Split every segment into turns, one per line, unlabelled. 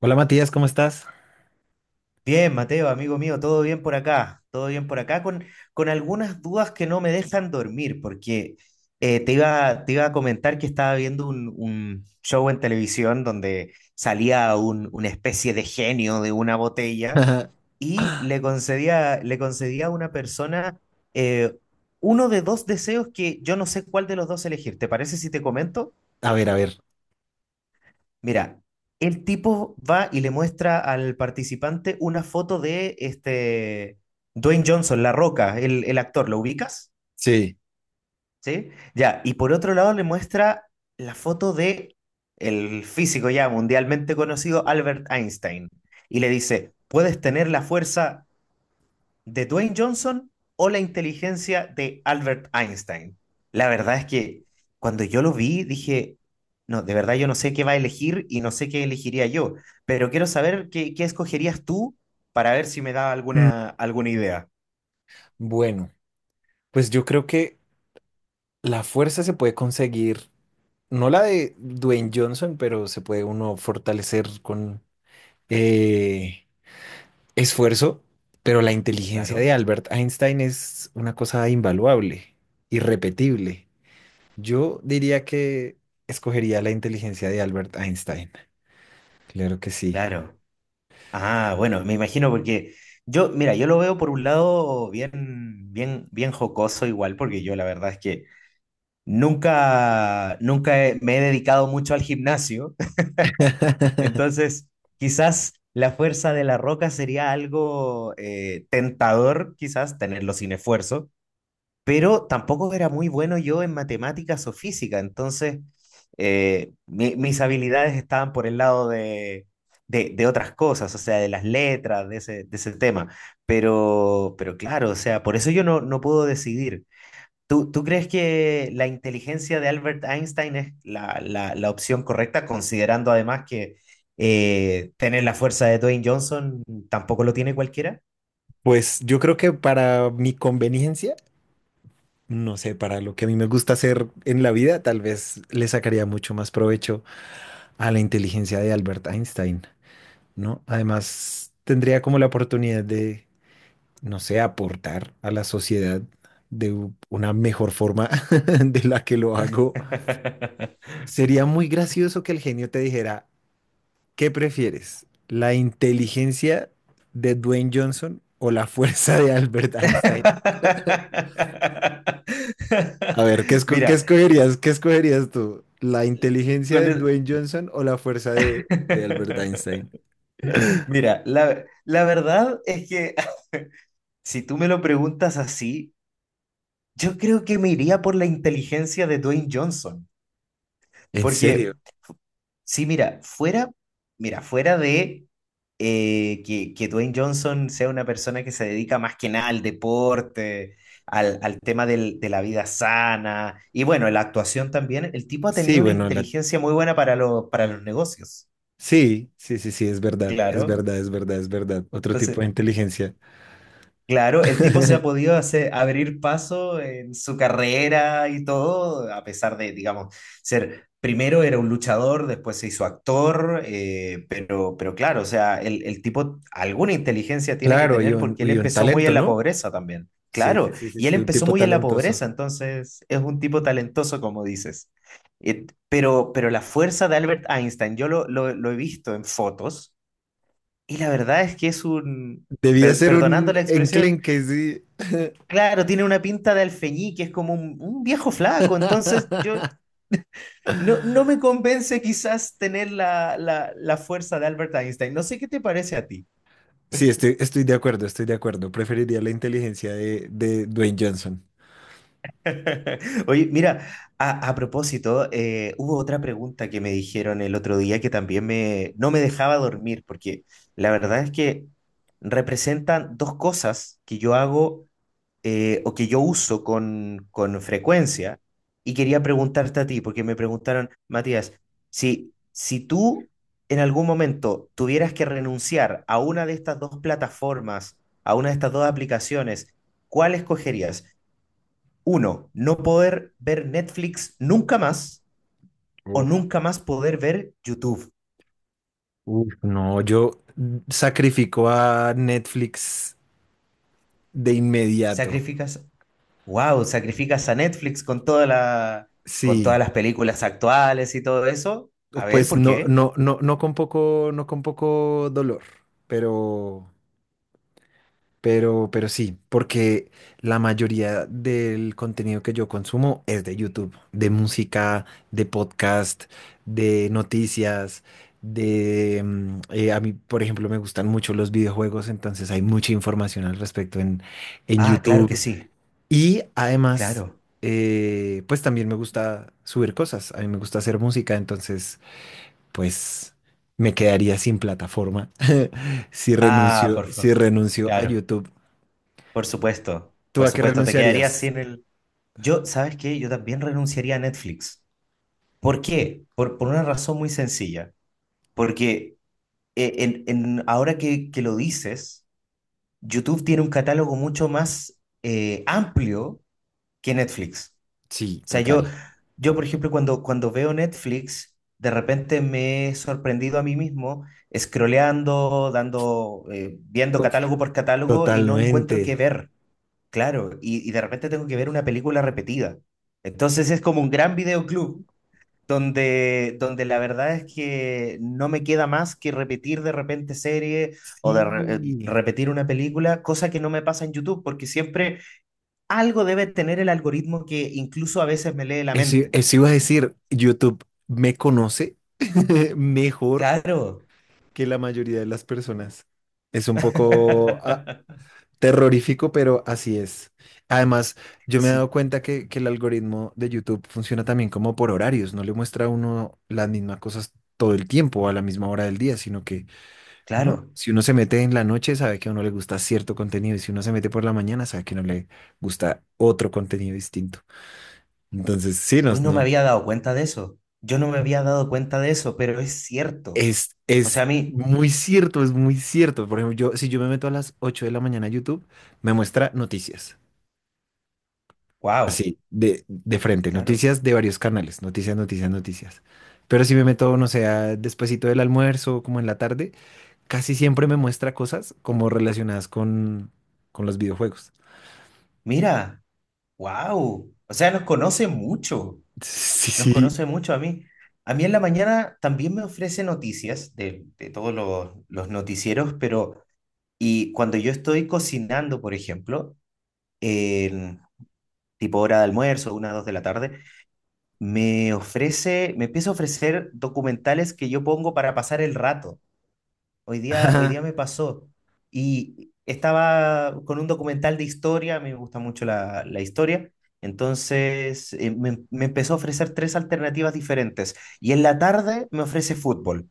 Hola Matías, ¿cómo estás?
Bien, Mateo, amigo mío, todo bien por acá, todo bien por acá, con algunas dudas que no me dejan dormir, porque te iba a comentar que estaba viendo un show en televisión donde salía una especie de genio de una botella y
A
le concedía a una persona eh, uno de dos deseos que yo no sé cuál de los dos elegir. ¿Te parece si te comento?
ver, a ver.
Mira, el tipo va y le muestra al participante una foto de este Dwayne Johnson, La Roca, el actor, ¿lo ubicas?
Sí.
¿Sí? Ya, y por otro lado le muestra la foto de el físico ya mundialmente conocido Albert Einstein y le dice, "¿Puedes tener la fuerza de Dwayne Johnson o la inteligencia de Albert Einstein?" La verdad es que cuando yo lo vi dije, no, de verdad yo no sé qué va a elegir y no sé qué elegiría yo, pero quiero saber qué escogerías tú para ver si me da
Mm,
alguna idea.
bueno, pues yo creo que la fuerza se puede conseguir, no la de Dwayne Johnson, pero se puede uno fortalecer con eh, esfuerzo, pero la inteligencia
Claro.
de Albert Einstein es una cosa invaluable, irrepetible. Yo diría que escogería la inteligencia de Albert Einstein. Claro que sí.
Claro. Ah, bueno, me imagino porque yo, mira, yo lo veo por un lado bien jocoso igual, porque yo la verdad es que nunca he- me he dedicado mucho al gimnasio. Entonces, quizás la fuerza de la roca sería algo tentador, quizás, tenerlo sin esfuerzo, pero tampoco era muy bueno yo en matemáticas o física, entonces mis habilidades estaban por el lado de otras cosas, o sea, de las letras, de ese tema, pero claro, o sea, por eso yo no puedo decidir. ¿ tú crees que la inteligencia de Albert Einstein es la opción correcta, considerando además que tener la fuerza de Dwayne Johnson tampoco lo tiene cualquiera?
Pues yo creo que para mi conveniencia, no sé, para lo que a mí me gusta hacer en la vida, tal vez le sacaría mucho más provecho a la inteligencia de Albert Einstein, ¿no? Además, tendría como la oportunidad de, no sé, aportar a la sociedad de una mejor forma de la que lo hago. Sería muy gracioso que el genio te dijera, ¿qué prefieres? ¿La inteligencia de Dwayne Johnson o la fuerza de Albert Einstein? A ver, ¿ qué
Mira,
escogerías? ¿Qué escogerías tú? ¿La inteligencia
con
de
el-
Dwayne Johnson o la fuerza de Albert Einstein?
Mira, la verdad es que si tú me lo preguntas así, yo creo que me iría por la inteligencia de Dwayne Johnson,
¿En serio?
porque sí, mira, fuera de que Dwayne Johnson sea una persona que se dedica más que nada al deporte, al tema de la vida sana y bueno, la actuación también, el tipo ha tenido
Sí,
una
bueno, la...
inteligencia muy buena para, para los negocios,
sí, sí, sí, sí, es verdad, es
claro.
verdad, es verdad, es verdad. Otro tipo de
Entonces,
inteligencia.
claro, el tipo se ha podido hacer, abrir paso en su carrera y todo, a pesar de, digamos, ser, primero era un luchador, después se hizo actor, pero claro, o sea, el tipo alguna inteligencia tiene que
Claro,
tener porque él
y un
empezó muy
talento,
en la
¿no?
pobreza también,
Sí, sí,
claro,
sí, sí,
y él
sí, un
empezó
tipo
muy en la
talentoso.
pobreza, entonces es un tipo talentoso, como dices. Pero la fuerza de Albert Einstein, yo lo he visto en fotos, y la verdad es que es un,
Debía ser
perdonando
un
la expresión,
enclenque, sí.
claro, tiene una pinta de alfeñique, es como un viejo flaco, entonces yo no me convence quizás tener la fuerza de Albert Einstein. No sé qué te parece a ti.
Sí, estoy, estoy de acuerdo, estoy de acuerdo. Preferiría la inteligencia de Dwayne Johnson.
Oye, mira, a propósito, hubo otra pregunta que me dijeron el otro día que también me, no me dejaba dormir, porque la verdad es que representan dos cosas que yo hago, o que yo uso con frecuencia. Y quería preguntarte a ti, porque me preguntaron, Matías, si tú en algún momento tuvieras que renunciar a una de estas dos plataformas, a una de estas dos aplicaciones, ¿cuál escogerías? Uno, no poder ver Netflix nunca más o
Uf.
nunca más poder ver YouTube.
Uf, no, yo sacrifico a Netflix de inmediato.
Sacrificas, wow, sacrificas a Netflix con toda la, con todas
Sí,
las películas actuales y todo eso. A
o
ver,
pues
¿por
no,
qué?
no, no, no con poco, no con poco dolor, pero, pero sí, porque la mayoría del contenido que yo consumo es de YouTube, de música, de podcast, de noticias, de, a mí, por ejemplo, me gustan mucho los videojuegos, entonces hay mucha información al respecto en
Ah, claro que
YouTube.
sí,
Y además,
claro.
pues también me gusta subir cosas, a mí me gusta hacer música, entonces, pues me quedaría sin plataforma si
Ah,
renuncio,
por
si
favor.
renuncio a
Claro,
YouTube. ¿Tú
por
a qué
supuesto, te quedarías
renunciarías?
sin el... Yo, ¿sabes qué? Yo también renunciaría a Netflix. ¿Por qué? Por una razón muy sencilla. Porque ahora que lo dices, YouTube tiene un catálogo mucho más amplio que Netflix.
Sí,
Sea, yo,
total.
yo por ejemplo, cuando veo Netflix, de repente me he sorprendido a mí mismo scrolleando, dando, viendo
Uf,
catálogo por catálogo y no encuentro
totalmente.
qué ver, claro, y de repente tengo que ver una película repetida. Entonces es como un gran videoclub donde, donde la verdad es que no me queda más que repetir de repente serie o
Sí.
repetir una película, cosa que no me pasa en YouTube, porque siempre algo debe tener el algoritmo que incluso a veces me lee la
Eso,
mente.
eso iba a decir, YouTube me conoce mejor
Claro,
que la mayoría de las personas. Es un poco, a- terrorífico, pero así es. Además, yo me he dado
sí,
cuenta que el algoritmo de YouTube funciona también como por horarios, no le muestra a uno las mismas cosas todo el tiempo o a la misma hora del día, sino que, ¿no?
claro.
Si uno se mete en la noche, sabe que a uno le gusta cierto contenido, y si uno se mete por la mañana, sabe que no le gusta otro contenido distinto. Entonces, sí, no,
Hoy no me
no.
había dado cuenta de eso. Yo no me había dado cuenta de eso, pero es cierto. O sea,
Es
a mí,
muy cierto, es muy cierto. Por ejemplo, yo, si yo me meto a las 8 de la mañana a YouTube, me muestra noticias.
wow,
Así, de frente,
claro.
noticias de varios canales, noticias, noticias, noticias. Pero si me meto, no sé, a- despuesito del almuerzo, como en la tarde, casi siempre me muestra cosas como relacionadas con los videojuegos.
Mira, wow. O sea, nos conoce mucho.
Sí,
Nos
sí.
conoce mucho a mí. A mí en la mañana también me ofrece noticias de todos los noticieros, pero y cuando yo estoy cocinando, por ejemplo, en tipo hora de almuerzo, una, dos de la tarde, me ofrece, me empieza a ofrecer documentales que yo pongo para pasar el rato. Hoy día
Ajá.
me pasó y estaba con un documental de historia, a mí me gusta mucho la historia, entonces me empezó a ofrecer tres alternativas diferentes y en la tarde me ofrece fútbol.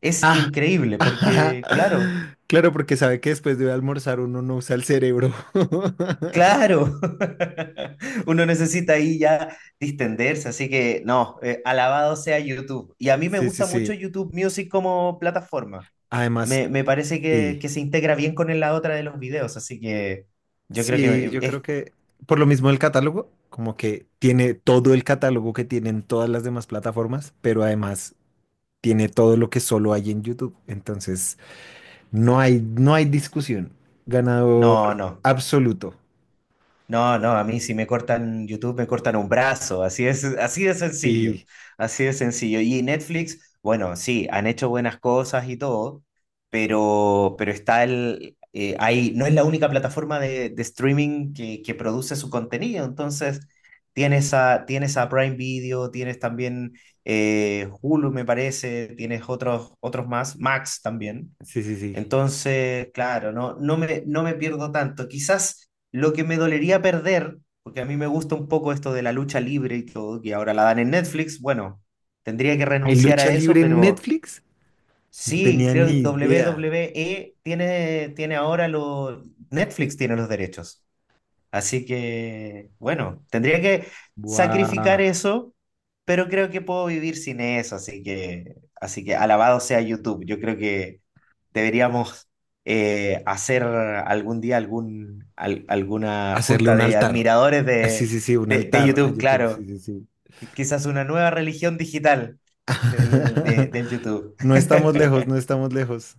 Es
Ah,
increíble
ajá.
porque, claro,
Claro, porque sabe que después de almorzar uno no usa el cerebro.
claro, uno necesita ahí ya distenderse, así que no, alabado sea YouTube. Y a mí me
Sí, sí,
gusta mucho
sí.
YouTube Music como plataforma.
Además,
Me parece
sí.
que se integra bien con la otra de los videos, así que yo creo
Sí,
que
yo creo
es...
que por lo mismo el catálogo, como que tiene todo el catálogo que tienen todas las demás plataformas, pero además tiene todo lo que solo hay en YouTube. Entonces, no hay, no hay discusión. Ganador
No, no.
absoluto.
No, no, a mí si me cortan YouTube, me cortan un brazo, así es, así de sencillo,
Sí,
así de sencillo. Y Netflix, bueno, sí, han hecho buenas cosas y todo, pero está el, ahí, no es la única plataforma de streaming que produce su contenido, entonces tienes a Prime Video, tienes también Hulu, me parece, tienes otros más, Max también.
sí, sí, sí.
Entonces, claro, no, no me pierdo tanto. Quizás lo que me dolería perder, porque a mí me gusta un poco esto de la lucha libre y todo, que ahora la dan en Netflix, bueno, tendría que
¿Hay
renunciar
lucha
a eso,
libre en
pero
Netflix? No
sí,
tenía
creo que
ni idea.
WWE tiene ahora los... Netflix tiene los derechos. Así que, bueno, tendría que sacrificar eso, pero creo que puedo vivir sin eso, así que alabado sea YouTube. Yo creo que deberíamos, hacer algún día alguna
Hacerle
junta
un
de
altar.
admiradores
Ah, sí, sí, sí, un
de
altar a
YouTube,
YouTube. Sí,
claro.
sí, sí.
Y quizás una nueva religión digital del YouTube.
No estamos lejos, no estamos lejos.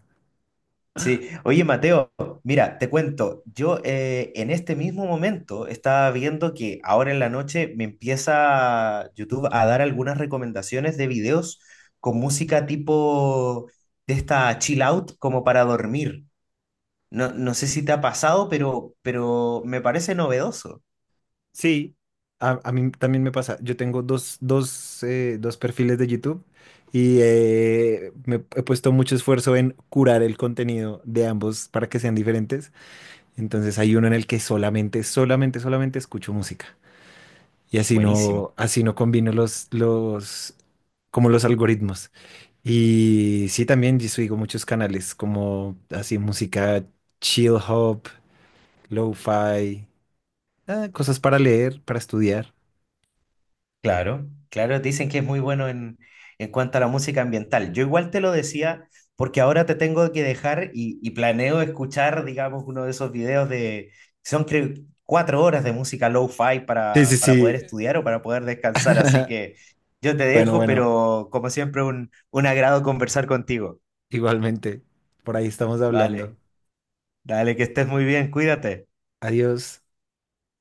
Sí, oye Mateo, mira, te cuento, yo en este mismo momento estaba viendo que ahora en la noche me empieza YouTube a dar algunas recomendaciones de videos con música tipo de esta chill out como para dormir. No, no sé si te ha pasado, pero me parece novedoso.
Sí, a mí también me pasa. Yo tengo dos, dos perfiles de YouTube y me he puesto mucho esfuerzo en curar el contenido de ambos para que sean diferentes. Entonces hay uno en el que solamente escucho música. Y
Buenísimo.
así no combino como los algoritmos. Y sí, también yo sigo muchos canales como así música chill hop, lo-fi, ah, cosas para leer, para estudiar.
Claro, claro, dicen que es muy bueno en cuanto a la música ambiental. Yo igual te lo decía porque ahora te tengo que dejar y planeo escuchar, digamos, uno de esos videos de, son creo, 4 horas de música lo-fi
Sí, sí,
para poder
sí.
estudiar o para poder descansar. Así que yo te
Bueno,
dejo,
bueno,
pero como siempre, un agrado conversar contigo.
igualmente. Por ahí estamos hablando.
Vale, dale, que estés muy bien, cuídate.
Adiós.